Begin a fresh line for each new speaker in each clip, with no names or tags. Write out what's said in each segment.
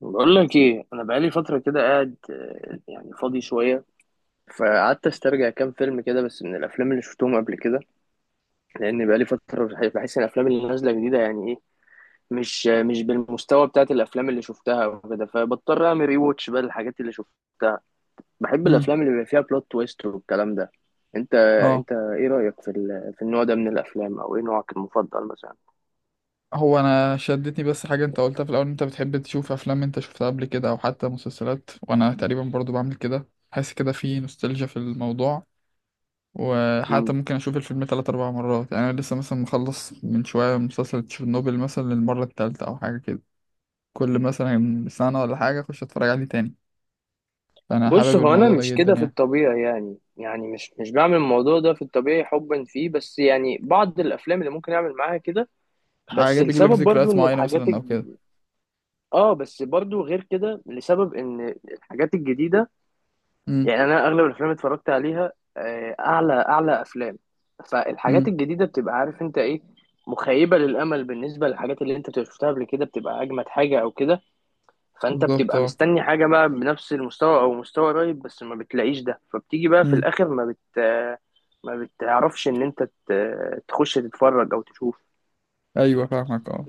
بقول لك ايه، انا بقالي فتره كده قاعد يعني فاضي شويه. فقعدت استرجع كام فيلم كده، بس من الافلام اللي شفتهم قبل كده. لان بقالي فتره بحس ان الافلام اللي نازله جديده يعني ايه، مش مش بالمستوى بتاعت الافلام اللي شفتها وكده، فبضطر اعمل ري واتش بقى الحاجات اللي شفتها. بحب
امم
الافلام اللي بيبقى فيها بلوت تويست والكلام ده. انت،
اه
انت ايه رايك في في النوع ده من الافلام، او ايه نوعك المفضل مثلا؟
هو انا شدتني بس حاجه انت قلتها في الاول، إن انت بتحب تشوف افلام انت شفتها قبل كده او حتى مسلسلات، وانا تقريبا برضو بعمل كده، حاسس كده في نوستالجيا في الموضوع، وحتى ممكن اشوف الفيلم 3 4 مرات يعني. انا لسه مثلا مخلص من شويه مسلسل تشيرنوبل مثلا للمره التالتة او حاجه كده، كل مثلا سنه ولا حاجه اخش اتفرج عليه تاني. فانا
بص،
حابب
هو انا
الموضوع ده
مش
جدا
كده في
يعني.
الطبيعي، يعني يعني مش بعمل الموضوع ده في الطبيعي حبا فيه، بس يعني بعض الافلام اللي ممكن اعمل معاها كده. بس
حاجه بيجيب لك
السبب برضو
ذكريات
ان
معينه مثلا او كده.
اه، بس برضو غير كده لسبب ان الحاجات الجديده،
امم.
يعني انا اغلب الافلام اللي اتفرجت عليها اعلى افلام. فالحاجات
امم.
الجديده بتبقى عارف انت ايه، مخيبه للامل. بالنسبه للحاجات اللي انت شفتها قبل كده بتبقى اجمد حاجه او كده، فانت
بالظبط،
بتبقى
اه.
مستني حاجه بقى بنفس المستوى او مستوى قريب، بس ما بتلاقيش ده، فبتيجي بقى في
امم.
الاخر ما بتعرفش ان تخش تتفرج او تشوف.
ايوه فاهمك، اه.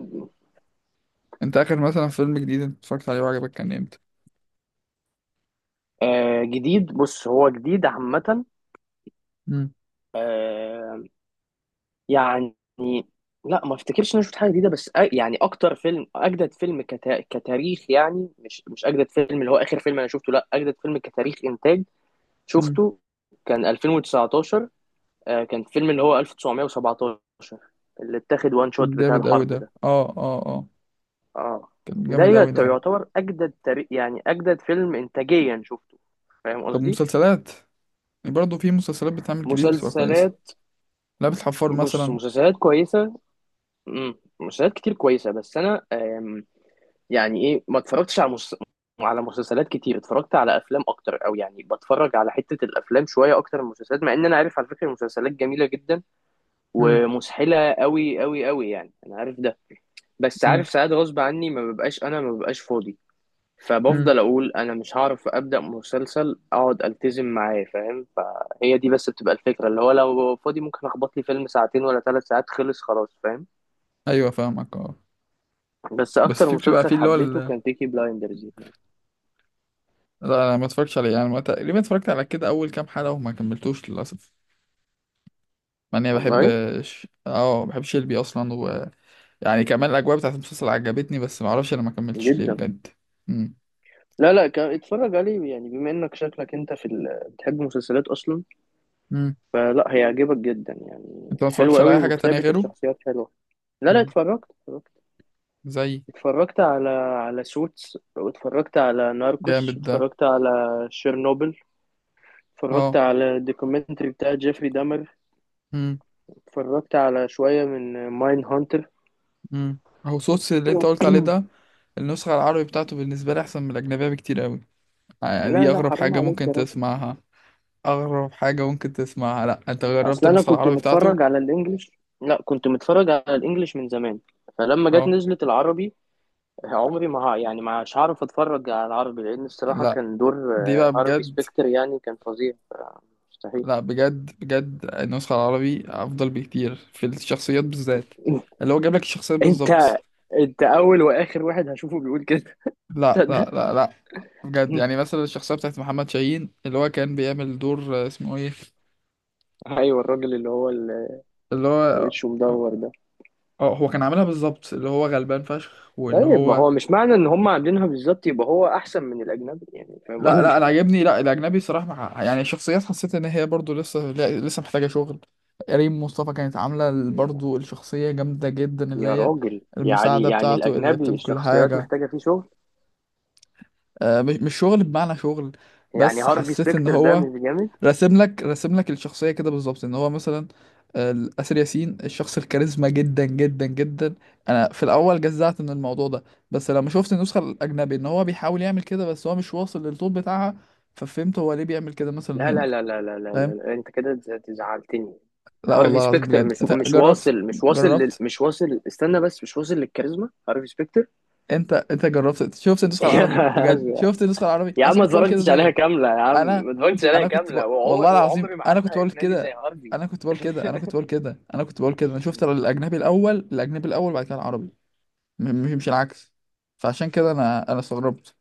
انت اخر مثلا فيلم جديد انت اتفرجت عليه وعجبك كان امتى؟
جديد؟ بص، هو جديد عامه،
مم.
آه، يعني لا، ما افتكرش ان انا شفت حاجه جديده، بس يعني اكتر فيلم، اجدد فيلم كتاريخ، يعني مش اجدد فيلم اللي هو اخر فيلم انا شفته، لا، اجدد فيلم كتاريخ انتاج
مم.
شفته كان 2019. آه، كان فيلم اللي هو 1917، اللي اتاخد وان شوت بتاع
جامد قوي
الحرب
ده.
ده.
اه اه اه.
اه،
كان
ده
جامد قوي ده.
يعتبر اجدد تاريخ، يعني اجدد فيلم انتاجيا شفته. فاهم
طب
قصدي؟
مسلسلات، برضه في مسلسلات بتعمل جديد بتبقى كويسة.
مسلسلات؟
لعبة الحفار
بص،
مثلا.
مسلسلات كويسه، امم، مسلسلات كتير كويسه، بس انا يعني ايه، ما اتفرجتش على مس... على مسلسلات كتير. اتفرجت على افلام اكتر، او يعني بتفرج على حته الافلام شويه اكتر من المسلسلات، مع ان انا عارف على فكره المسلسلات جميله جدا،
مم.
ومسحله قوي قوي قوي، يعني انا عارف ده. بس
مم.
عارف ساعات غصب عني، ما ببقاش، انا ما ببقاش فاضي،
مم.
فبفضل اقول انا مش هعرف ابدا مسلسل اقعد التزم معاه، فاهم؟ فهي دي بس بتبقى الفكره، اللي هو لو ببقى فاضي ممكن اخبط لي فيلم ساعتين ولا ثلاث ساعات، خلص خلاص، فاهم؟
ايوه فاهمك، اه.
بس
بس
اكتر
في بتبقى
مسلسل
في اللي هو
حبيته كان بيكي بلايندرز يعني.
لا، انا ما اتفرجتش عليه يعني، ما تقريبا اتفرجت على كده اول كام حلقة وما كملتوش للاسف. مع اني بحب،
والله
اه بحب شيلبي اصلا و... يعني كمان الاجواء بتاعت المسلسل عجبتني، بس ما اعرفش انا ما كملتش ليه
جدا.
بجد. مم.
لا لا، كان اتفرج عليه يعني، بما انك شكلك انت بتحب المسلسلات اصلا،
مم.
فلا، هيعجبك جدا يعني،
انت ما
حلو
اتفرجتش على
قوي
اي حاجة تانية
وكتابة
غيره؟
الشخصيات حلوة. لا لا،
مم.
اتفرجت.
زي،
اتفرجت على سوتس، واتفرجت على ناركوس،
جامد ده.
واتفرجت على شيرنوبل، اتفرجت
اه.
على الدوكيومنتري بتاع جيفري دامر،
مم.
اتفرجت على شوية من ماين هانتر.
مم. اهو صوص اللي انت قلت عليه ده، النسخة العربي بتاعته بالنسبة لي أحسن من الأجنبية بكتير قوي. دي
لا لا،
أغرب
حرام
حاجة
عليك
ممكن
يا راجل،
تسمعها. أغرب حاجة ممكن تسمعها. لأ، أنت جربت
اصل انا
النسخة
كنت
العربي بتاعته؟
متفرج على الانجليش. لا، كنت متفرج على الانجليش من زمان، فلما جت
أه.
نزلت العربي، عمري ما ه- يعني ما مش هعرف اتفرج على العربي، لان الصراحة
لأ،
كان دور
دي بقى
هارفي
بجد.
سبيكتر يعني كان فظيع مستحيل.
لأ بجد بجد، النسخة العربي أفضل بكتير في الشخصيات بالذات، اللي هو جاب لك الشخصيات
انت،
بالظبط.
انت اول واخر واحد هشوفه بيقول كده،
لأ لأ
تصدق؟
لأ لأ، بجد يعني مثلا الشخصية بتاعت محمد شاهين اللي هو كان بيعمل دور، اسمه إيه؟
ايوه، الراجل اللي هو اللي
اللي هو
وشه مدور ده.
اه، هو كان عاملها بالظبط، اللي هو غلبان فشخ وان
طيب، ما
هو.
هو مش معنى ان هم عاملينها بالظبط يبقى هو احسن من الاجنبي، يعني فاهم
لا لا، انا
قصدي؟
عاجبني، لا الاجنبي صراحه مع... يعني شخصيات حسيت ان هي برضو لسه، لسه محتاجه شغل. ريم مصطفى كانت عامله
يا،
برضو الشخصيه جامده جدا، اللي
يا
هي
راجل، يعني
المساعده
يعني
بتاعته اللي هي
الاجنبي
بتعمل كل
الشخصيات
حاجه.
محتاجه فيه شغل؟
آه، مش شغل بمعنى شغل،
يعني
بس
هارفي
حسيت ان
سبيكتر ده
هو
مش جامد؟
راسم لك راسم لك الشخصية كده بالظبط، ان هو مثلا، آسر ياسين الشخص الكاريزما جدا جدا جدا. انا في الاول جزعت من الموضوع ده، بس لما شفت النسخة الاجنبي ان هو بيحاول يعمل كده بس هو مش واصل للطول بتاعها، ففهمت هو ليه بيعمل كده مثلا
لا
هنا.
لا لا لا لا لا, لا,
فاهم.
لا. انت كده زعلتني.
لا
هارفي
والله العظيم
سبيكتر
بجد،
مش
انت
مش
جربت؟
واصل، مش واصل
جربت؟
مش واصل، استنى بس، مش واصل للكاريزما هارفي سبيكتر.
انت انت جربت؟ شفت النسخة العربي بجد؟ شفت النسخة العربي؟
يا
انا
عم ما
كنت بقول كده
اتفرجتش عليها
زيك.
كاملة، يا عم
انا
ما اتفرجتش عليها
انا كنت ب...
كاملة،
والله العظيم
وعمري ما
انا
حد
كنت بقول
هيقنعني زي
كده.
هارفي.
انا كنت بقول كده، انا كنت بقول كده، انا كنت بقول كده، انا شفت الاجنبي الاول، الاجنبي الاول بعد كده العربي، مش العكس. فعشان كده
لا،
انا استغربت.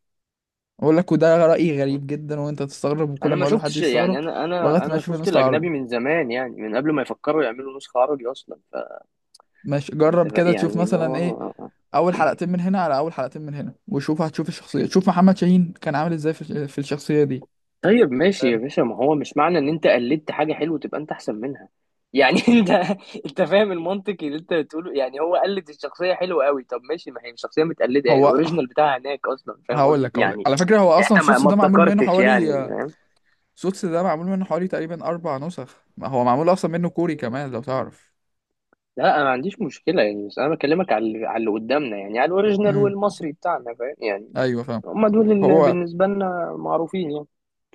اقول لك، وده رايي
لا.
غريب جدا، وانت تستغرب، وكل
انا
ما
ما
اقول لحد
شفتش
يستغرب
يعني، انا
لغايه
انا
ما
انا
يشوف
شفت
النسخه العربي.
الاجنبي من زمان، يعني من قبل ما يفكروا يعملوا نسخة عربي اصلا.
ماشي،
فانت
جرب
بقى
كده تشوف
يعني اللي
مثلا ايه،
هو،
اول حلقتين من هنا على اول حلقتين من هنا وشوف، هتشوف الشخصيه، شوف محمد شاهين كان عامل ازاي في الشخصيه دي.
طيب ماشي يا
فاهم.
باشا، ما هو مش معنى ان انت قلدت حاجه حلوه تبقى انت احسن منها، يعني انت، انت فاهم المنطق اللي انت بتقوله؟ يعني هو قلد الشخصيه حلوه قوي، طب ماشي، ما هي الشخصيه متقلده، يعني
هو
الاوريجينال بتاعها هناك اصلا، فاهم
هقول
قصدي
لك، هقول لك
يعني،
على فكره، هو
يعني
اصلا
انت ما
سوتس
ما
ده معمول منه
ابتكرتش يعني.
حوالي، سوتس ده معمول منه حوالي تقريبا 4 نسخ، ما هو معمول أصلا منه كوري كمان لو تعرف.
لا انا ما عنديش مشكله يعني، بس انا بكلمك على على اللي قدامنا، يعني على الاوريجينال
امم.
والمصري بتاعنا، فاهم يعني،
أيوه فاهم.
هم دول اللي
هو
بالنسبه لنا معروفين يعني.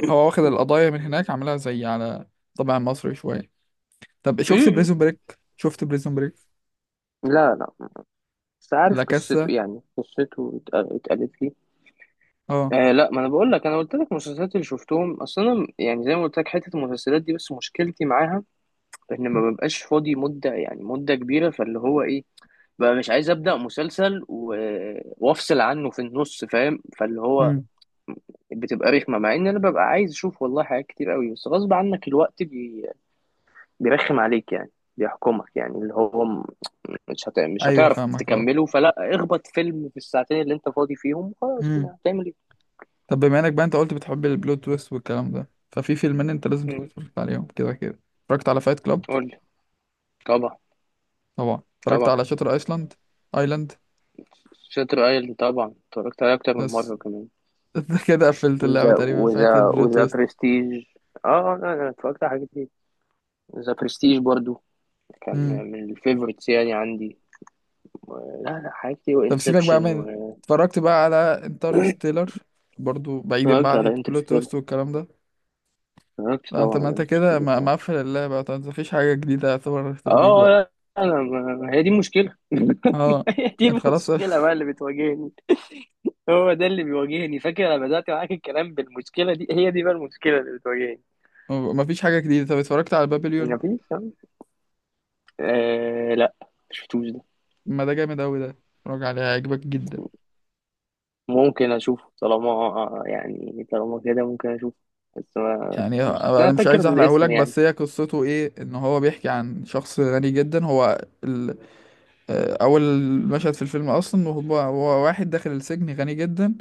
هو واخد القضايا من هناك عاملها، زي على طبع مصري شوية. طب
م-
شفت
م.
بريزون بريك؟ شفت بريزون بريك؟
لا لا، بس عارف
لا
قصته
كاسا.
يعني، قصته اتقالت لي.
اه.
آه لا، ما انا بقول لك، انا قلت لك المسلسلات اللي شفتهم. اصل انا يعني زي ما قلت لك، حته المسلسلات دي بس مشكلتي معاها ان ما ببقاش فاضي مده، يعني مده كبيره، فاللي هو ايه، بقى مش عايز ابدا وافصل عنه في النص، فاهم؟ فاللي هو
امم.
بتبقى رخمه، مع ان انا ببقى عايز اشوف والله حاجات كتير قوي، بس غصب عنك الوقت بيرخم عليك يعني، بيحكمك يعني اللي هو مش
أيوه
هتعرف
فاهمك، اه.
تكمله، فلا اخبط فيلم في الساعتين اللي انت فاضي فيهم، خلاص،
امم.
ما هتعمل ايه؟
طب بما إنك بقى أنت قلت بتحب البلوت تويست والكلام ده، ففي فيلمين أنت لازم تكون
مم.
اتفرجت عليهم كده كده. اتفرجت على فايت كلاب؟
قول لي. طبعا.
طبعا. اتفرجت
طبعا.
على شاتر أيسلاند، أيلاند؟
شاتر ايلاند طبعا، اتفرجت عليه اكتر من
بس
مره كمان.
كده قفلت اللعبة
وذا،
تقريبا بتاعت
وذا
البلوت
وذا برستيج. اه لا، انا اتفرجت على حاجات كتير. ذا برستيج برضو كان
تويست.
من الفيفورتس يعني عندي. لا، لا، حاجات كتير،
طب سيبك بقى
وانسبشن
من، اتفرجت بقى على انترستيلر، برضو بعيدا بقى
اتفرجت
عن
على
حته بلوت
انترستيلر،
توست والكلام ده؟
اتفرجت
لا، انت،
طبعا
ما
على
انت كده
انترستيلر، اه.
مقفل اللعبه بقى. طب مفيش حاجه جديده يعتبر ترضيك
اه
بقى؟
لا، انا ما، هي دي المشكله،
اه،
هي دي
انت خلاص
المشكله بقى اللي بتواجهني، هو ده اللي بيواجهني. فاكر انا بدات معاك الكلام بالمشكله دي، هي دي بقى المشكله اللي بتواجهني.
مفيش حاجه جديده، طب اتفرجت على بابليون؟
مفيش. آه لا، مشفتوش ده.
ما ده جامد اوي ده، اتفرج عليه هيعجبك جدا.
ممكن اشوفه، طالما يعني طالما كده ممكن اشوفه، بس ما
يعني
شفتوش، بس
انا
انا
مش
فاكر
عايز احرقهولك،
الاسم يعني.
بس هي قصته ايه، ان هو بيحكي عن شخص غني جدا، هو ال... اول مشهد في الفيلم اصلا، وهو، هو واحد داخل السجن غني جدا،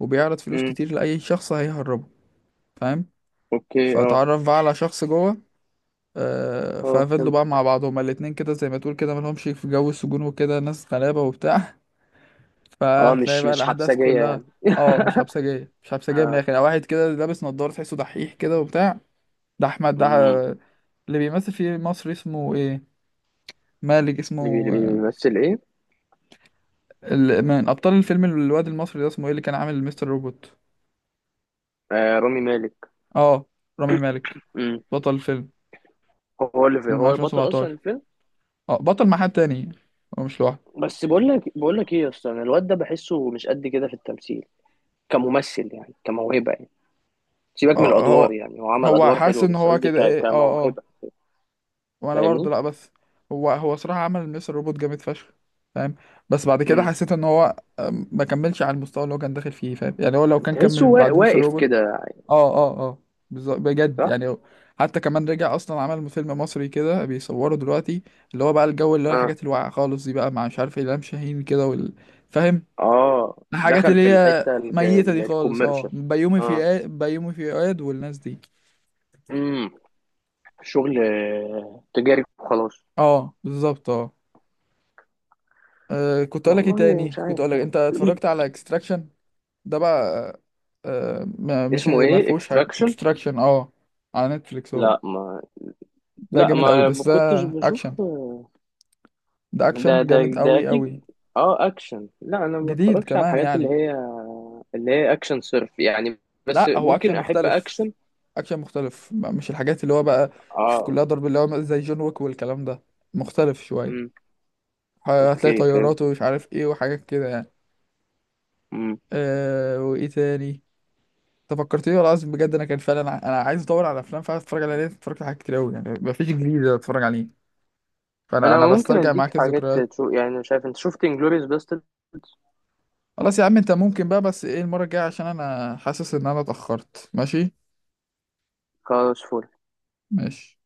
وبيعرض فلوس
امم.
كتير لاي شخص هيهرب. فاهم.
اوكي، اه.
فاتعرف بقى على شخص جوه،
اه
ففضلوا
فهمت.
بقى مع بعض هما الاتنين كده، زي ما تقول كده ملهمش، في جو السجون وكده، ناس غلابة وبتاع.
اه،
فهتلاقي
مش
بقى
مش
الأحداث
حبسجية
كلها.
يعني.
اه، مش حبسجية، مش حبسجية من
آه.
الآخر يعني. واحد كده لابس نضارة تحسه دحيح كده وبتاع، ده أحمد ده،
امم.
اللي بيمثل في مصر اسمه ايه، مالك،
اللي
اسمه
بيمثل ايه؟
من أبطال الفيلم، الواد المصري ده اسمه ايه اللي كان عامل مستر روبوت؟
آه رامي مالك.
اه، رامي مالك.
امم.
بطل الفيلم،
هو اللي في،
فيلم
هو البطل اصلا
2017.
الفيلم.
اه، بطل مع حد تاني، هو مش لوحده.
بس بقول لك، بقول لك ايه يا اسطى، أنا الواد ده بحسه مش قد كده في التمثيل، كممثل يعني، كموهبة يعني. سيبك من
اه،
الادوار
هو
يعني، هو عمل
هو
ادوار
حاسس
حلوة،
ان
بس
هو
قصدي
كده ايه، اه. اه.
كموهبة،
وانا برضه،
فاهمني؟
لا بس هو صراحة عمل مستر روبوت جامد فشخ. فاهم. بس بعد كده
امم.
حسيت ان هو، ما كملش على المستوى اللي هو كان داخل فيه. فاهم يعني، هو لو كان
تحسه
كمل بعد مستر
واقف
روبوت.
كده.
اه اه اه، بالظبط بجد،
صح.
يعني هو- حتى كمان رجع اصلا عمل فيلم مصري كده بيصوره دلوقتي، اللي هو بقى الجو اللي هو
اه
الحاجات الواقعة خالص دي بقى، مع مش عارف إلهام شاهين كده وال... فاهم.
اه،
الحاجات
دخل
اللي
في
هي
الحته
ميتة دي خالص، اه،
الكوميرشال.
بيومي
اه.
فؤاد، بيومي فؤاد والناس دي.
امم. شغل تجاري وخلاص.
اه بالظبط، اه. كنت اقول لك ايه
والله
تاني،
مش
كنت اقول
عارف
لك انت
يعني.
اتفرجت على اكستراكشن؟ ده بقى، مش
اسمه
ما
ايه،
فيهوش حاجه
اكستراكشن؟
اكستراكشن، اه، على نتفليكس هو،
لا ما،
ده
لا
جامد قوي
ما
بس ده
كنتش
اكشن،
بشوف
ده
ده،
اكشن
ده
جامد
ده
قوي
اكيد.
قوي.
اه، اكشن. لا، انا ما
جديد
بتفرجش على
كمان
الحاجات اللي
يعني.
هي، اللي هي اكشن صرف يعني، بس
لا، هو
ممكن
اكشن
احب
مختلف،
اكشن.
اكشن مختلف، مش الحاجات اللي هو بقى في
اه.
كلها ضرب اللي هو زي جون ويك والكلام ده. مختلف شويه،
امم.
هتلاقي
اوكي، فهمت.
طيارات ومش عارف ايه وحاجات كده يعني.
امم.
أه، وايه تاني، انت فكرتني والله العظيم بجد، انا كان فعلا انا عايز ادور على افلام فعلا اتفرج عليها، لان اتفرجت على حاجات كتير قوي يعني، مفيش جديد اتفرج عليه. فانا
انا
انا
ممكن
بسترجع
اديك
معاك
حاجات
الذكريات.
تشوف يعني، شايف، انت شفت انجلوريوس باسترد؟
خلاص يا عم، انت ممكن بقى بس ايه المره الجايه، عشان انا حاسس ان انا اتاخرت. ماشي.
خلاص فل.
ماشي.